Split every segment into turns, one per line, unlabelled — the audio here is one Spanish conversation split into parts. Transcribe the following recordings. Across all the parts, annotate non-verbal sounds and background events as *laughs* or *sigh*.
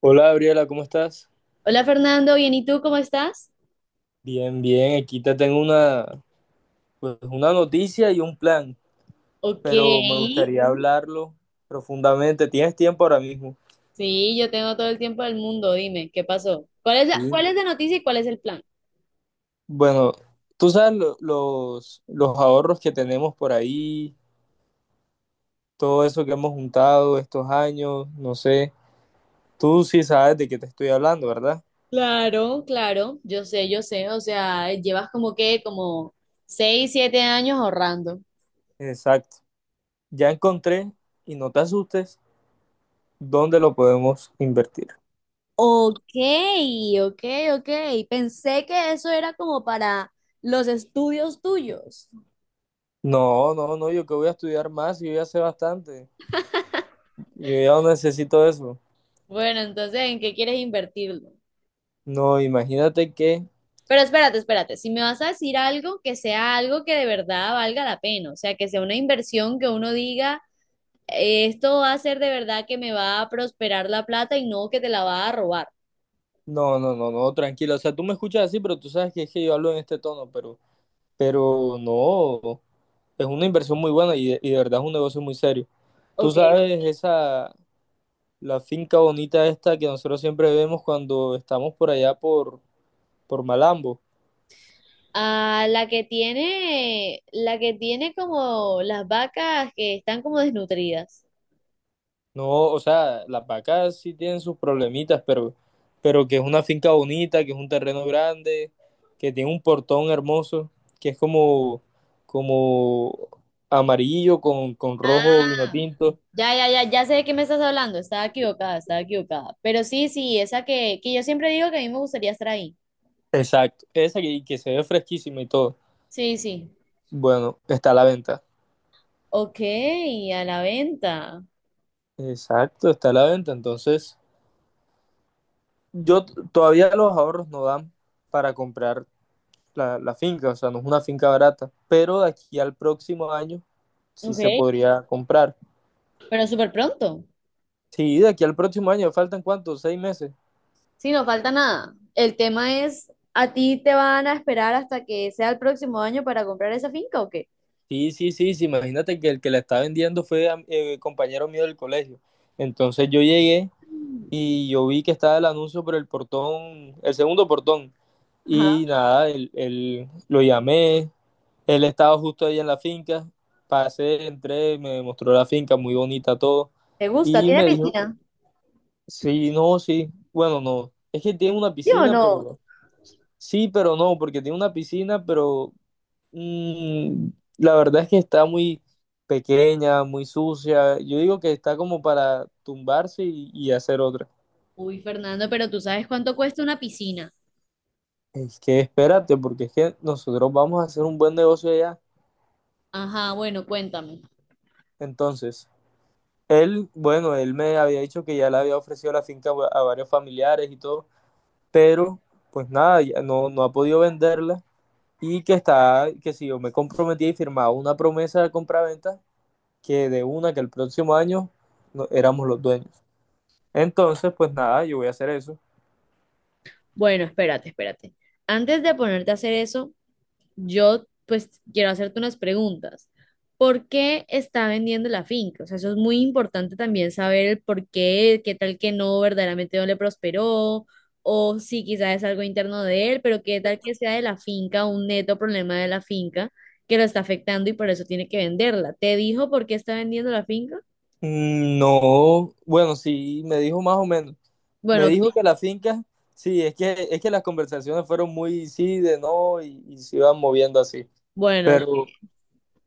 Hola Gabriela, ¿cómo estás?
Hola Fernando, bien, ¿y tú cómo estás?
Bien, bien, aquí te tengo pues, una noticia y un plan,
Ok,
pero me gustaría hablarlo profundamente. ¿Tienes tiempo ahora mismo?
sí, yo tengo todo el tiempo del mundo, dime, ¿qué pasó? ¿Cuál es la,
Uy,
cuál es la noticia y cuál es el plan?
bueno, tú sabes los ahorros que tenemos por ahí, todo eso que hemos juntado estos años, no sé. Tú sí sabes de qué te estoy hablando, ¿verdad?
Claro, claro, yo sé, o sea, llevas como que, como seis, siete años ahorrando.
Exacto. Ya encontré, y no te asustes, dónde lo podemos invertir.
Ok, ok, ok, pensé que eso era como para los estudios tuyos.
No, no, no, yo que voy a estudiar más, yo ya sé bastante. Yo ya no necesito eso.
Bueno, entonces, ¿en qué quieres invertirlo?
No, imagínate que.
Pero espérate, espérate, si me vas a decir algo, que sea algo que de verdad valga la pena, o sea, que sea una inversión que uno diga, esto va a ser de verdad que me va a prosperar la plata y no que te la va a robar.
No, no, no, no, tranquilo. O sea, tú me escuchas así, pero tú sabes que es que yo hablo en este tono, pero no. Es una inversión muy buena y de verdad es un negocio muy serio. Tú
Ok.
sabes esa, la finca bonita esta que nosotros siempre vemos cuando estamos por allá por Malambo.
Ah, la que tiene como las vacas que están como desnutridas.
No, o sea, las vacas sí tienen sus problemitas, pero que es una finca bonita, que es un terreno grande, que tiene un portón hermoso, que es como amarillo con rojo vino tinto.
Ya, ya, ya, ya sé de qué me estás hablando, estaba equivocada, estaba equivocada. Pero sí, sí, esa que yo siempre digo que a mí me gustaría estar ahí.
Exacto, esa que se ve fresquísima y todo.
Sí, sí.
Bueno, está a la venta.
Ok, a la venta.
Exacto, está a la venta. Entonces, todavía los ahorros no dan para comprar la finca, o sea, no es una finca barata, pero de aquí al próximo año sí
Ok.
se podría comprar.
Pero súper pronto.
Sí, de aquí al próximo año, ¿faltan cuántos? ¿6 meses?
Sí, no falta nada. El tema es, ¿a ti te van a esperar hasta que sea el próximo año para comprar esa finca o qué?
Sí, sí, sí, sí, imagínate que el que la está vendiendo fue compañero mío del colegio. Entonces yo llegué y yo vi que estaba el anuncio por el portón, el segundo portón. Y
Ajá.
nada, lo llamé, él estaba justo ahí en la finca, pasé, entré, me mostró la finca, muy bonita todo.
¿Te gusta?
Y
¿Tiene
me dijo,
piscina?
sí, no, sí. Bueno, no. Es que tiene una
¿Sí o
piscina, pero
no?
no. Sí, pero no, porque tiene una piscina, pero mm, la verdad es que está muy pequeña, muy sucia. Yo digo que está como para tumbarse y hacer otra.
Uy, Fernando, pero tú sabes cuánto cuesta una piscina.
Es que espérate, porque es que nosotros vamos a hacer un buen negocio allá.
Ajá, bueno, cuéntame.
Entonces, él, bueno, él me había dicho que ya le había ofrecido la finca a varios familiares y todo, pero pues nada, ya no, no ha podido venderla y que está, que si yo me comprometía y firmaba una promesa de compraventa, que de una que el próximo año éramos los dueños. Entonces, pues nada, yo voy a hacer eso.
Bueno, espérate, espérate. Antes de ponerte a hacer eso, yo, pues, quiero hacerte unas preguntas. ¿Por qué está vendiendo la finca? O sea, eso es muy importante también saber el por qué, qué tal que no, verdaderamente no le prosperó, o si quizás es algo interno de él, pero qué tal que sea de la finca, un neto problema de la finca que lo está afectando y por eso tiene que venderla. ¿Te dijo por qué está vendiendo la finca?
Mm, no, bueno, sí, me dijo más o menos. Me
Bueno,
dijo que la finca, sí, es que las conversaciones fueron muy sí, de no, y se iban moviendo así.
bueno,
Pero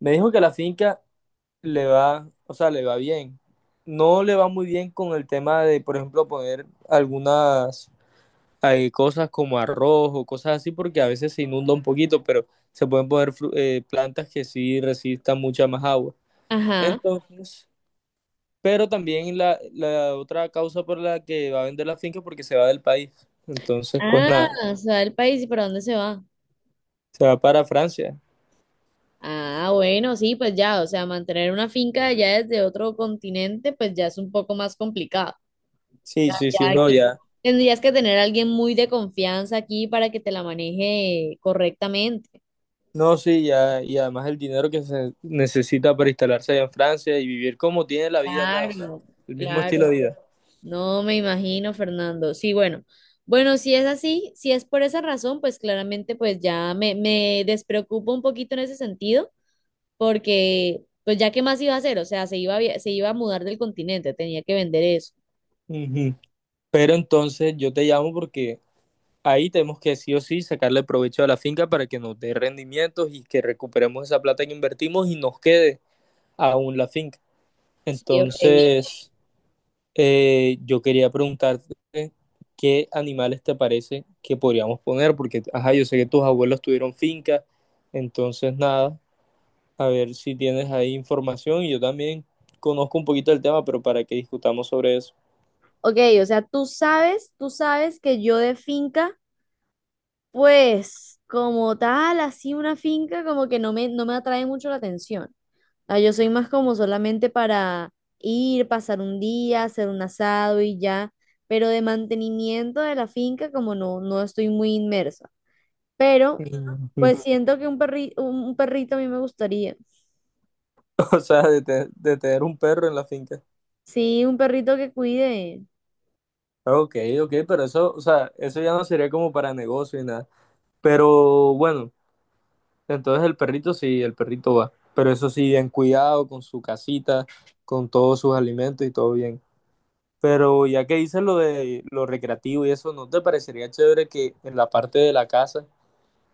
me dijo que la finca le va, o sea, le va bien. No le va muy bien con el tema de, por ejemplo, poner algunas hay cosas como arroz o cosas así porque a veces se inunda un poquito, pero se pueden poner plantas que sí resistan mucha más agua.
ajá.
Entonces, pero también la otra causa por la que va a vender la finca es porque se va del país. Entonces, pues nada,
Ah, se va del país y para dónde se va.
se va para Francia.
Ah, bueno, sí, pues ya, o sea, mantener una finca allá desde otro continente, pues ya es un poco más complicado. O
Sí,
sea,
sí, sí,
ya
no,
aquí
ya.
tendrías que tener a alguien muy de confianza aquí para que te la maneje correctamente.
No, sí, ya. Y además el dinero que se necesita para instalarse allá en Francia y vivir como tiene la vida acá, o sea,
Claro,
el mismo estilo de
claro.
vida.
No me imagino, Fernando. Sí, bueno. Bueno, si es así, si es por esa razón, pues claramente pues ya me despreocupo un poquito en ese sentido, porque pues ya qué más iba a hacer, o sea, se iba a mudar del continente, tenía que vender eso.
Ujú. Pero entonces yo te llamo porque ahí tenemos que sí o sí sacarle provecho a la finca para que nos dé rendimientos y que recuperemos esa plata que invertimos y nos quede aún la finca.
Sí, ok.
Entonces, yo quería preguntarte qué animales te parece que podríamos poner, porque, ajá, yo sé que tus abuelos tuvieron finca, entonces nada, a ver si tienes ahí información y yo también conozco un poquito del tema, pero para que discutamos sobre eso.
Ok, o sea, tú sabes que yo de finca, pues como tal, así una finca como que no me atrae mucho la atención. Ah, yo soy más como solamente para ir, pasar un día, hacer un asado y ya, pero de mantenimiento de la finca como no, no estoy muy inmersa. Pero
Mm. *laughs*
pues siento que un perrito a mí me gustaría.
O sea, de tener un perro en la finca.
Sí, un perrito que cuide.
Ok, ok, pero eso, o sea, eso ya no sería como para negocio y nada. Pero bueno, entonces el perrito sí, el perrito va. Pero eso sí, bien cuidado, con su casita, con todos sus alimentos y todo bien. Pero ya que dices lo de lo recreativo y eso, ¿no te parecería chévere que en la parte de la casa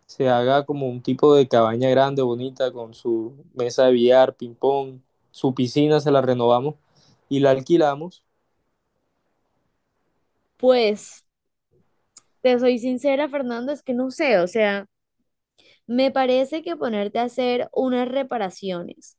se haga como un tipo de cabaña grande, bonita, con su mesa de billar, ping pong, su piscina, se la renovamos y la alquilamos?
Pues, te soy sincera, Fernando, es que no sé, o sea... Me parece que ponerte a hacer unas reparaciones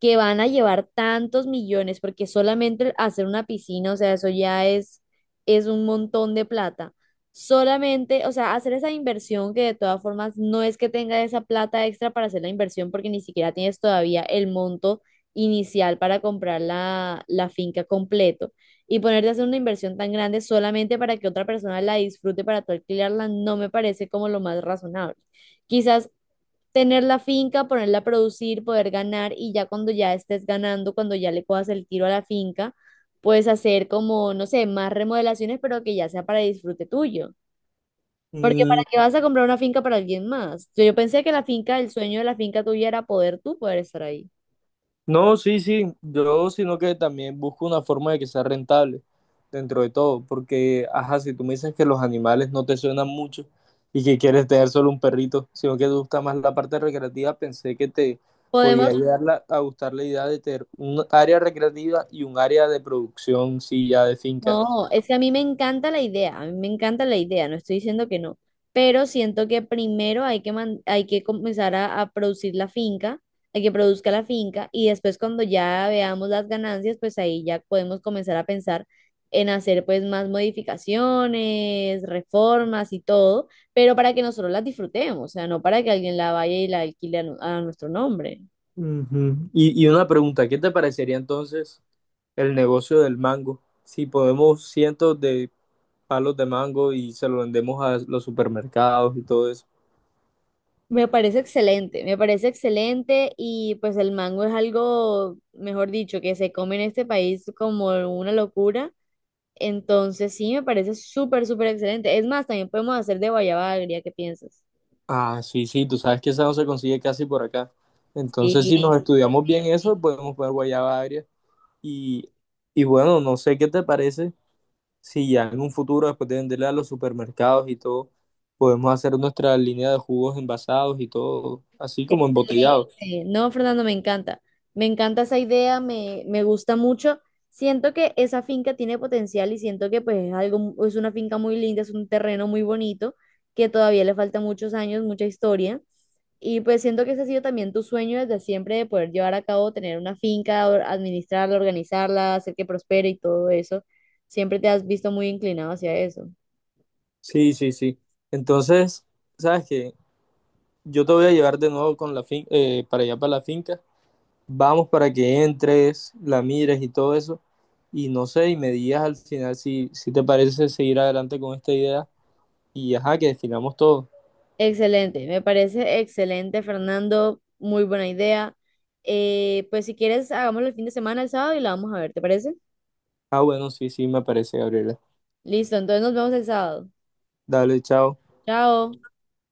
que van a llevar tantos millones, porque solamente hacer una piscina, o sea, es un montón de plata. Solamente, o sea, hacer esa inversión que de todas formas no es que tenga esa plata extra para hacer la inversión, porque ni siquiera tienes todavía el monto inicial para comprar la finca completo. Y ponerte a hacer una inversión tan grande solamente para que otra persona la disfrute para tú alquilarla, no me parece como lo más razonable. Quizás tener la finca, ponerla a producir, poder ganar y ya cuando ya estés ganando, cuando ya le cojas el tiro a la finca, puedes hacer como, no sé, más remodelaciones, pero que ya sea para disfrute tuyo. Porque ¿para
Mm,
qué vas a comprar una finca para alguien más? Yo pensé que la finca, el sueño de la finca tuya era poder tú poder estar ahí.
no, sí, sí, yo sino que también busco una forma de que sea rentable dentro de todo, porque, ajá, si tú me dices que los animales no te suenan mucho y que quieres tener solo un perrito, sino que te gusta más la parte recreativa, pensé que te podía
Podemos
llegar a gustar la idea de tener un área recreativa y un área de producción, sí, ya de finca.
no, es que a mí me encanta la idea, a mí me encanta la idea, no estoy diciendo que no, pero siento que primero hay que comenzar a producir la finca, hay que produzca la finca y después cuando ya veamos las ganancias, pues ahí ya podemos comenzar a pensar en hacer pues más modificaciones, reformas y todo, pero para que nosotros las disfrutemos, o sea, no para que alguien la vaya y la alquile a a nuestro nombre.
Ujú. Y una pregunta, ¿qué te parecería entonces el negocio del mango? Si podemos cientos de palos de mango y se lo vendemos a los supermercados y todo eso.
Me parece excelente y pues el mango es algo, mejor dicho, que se come en este país como una locura. Entonces sí, me parece súper, súper excelente. Es más, también podemos hacer de guayaba agria, ¿qué piensas?
Ah, sí, sí, tú sabes que esa no se consigue casi por acá. Entonces,
Sí,
si nos, sí,
pues
estudiamos bien
sí.
eso, podemos poner guayaba agria. Y, y bueno, no sé qué te parece si ya en un futuro, después de venderla a los supermercados y todo, podemos hacer nuestra línea de jugos envasados y todo, así como embotellados.
Sí, no, Fernando, me encanta. Me encanta esa idea, me gusta mucho. Siento que esa finca tiene potencial y siento que pues es algo, es una finca muy linda, es un terreno muy bonito, que todavía le falta muchos años, mucha historia. Y pues siento que ese ha sido también tu sueño desde siempre de poder llevar a cabo, tener una finca, administrarla, organizarla, hacer que prospere y todo eso. Siempre te has visto muy inclinado hacia eso.
Sí, sí, sí. Entonces, ¿sabes qué? Yo te voy a llevar de nuevo con la fin para allá para la finca. Vamos para que entres, la mires y todo eso. Y no sé, y me digas al final si te parece seguir adelante con esta idea. Y ajá, que definamos todo.
Excelente, me parece excelente, Fernando. Muy buena idea. Pues si quieres, hagámoslo el fin de semana, el sábado, y la vamos a ver, ¿te parece?
Ah, bueno, sí, sí, me parece, Gabriela.
Listo, entonces nos vemos el sábado.
Dale, chao.
Chao.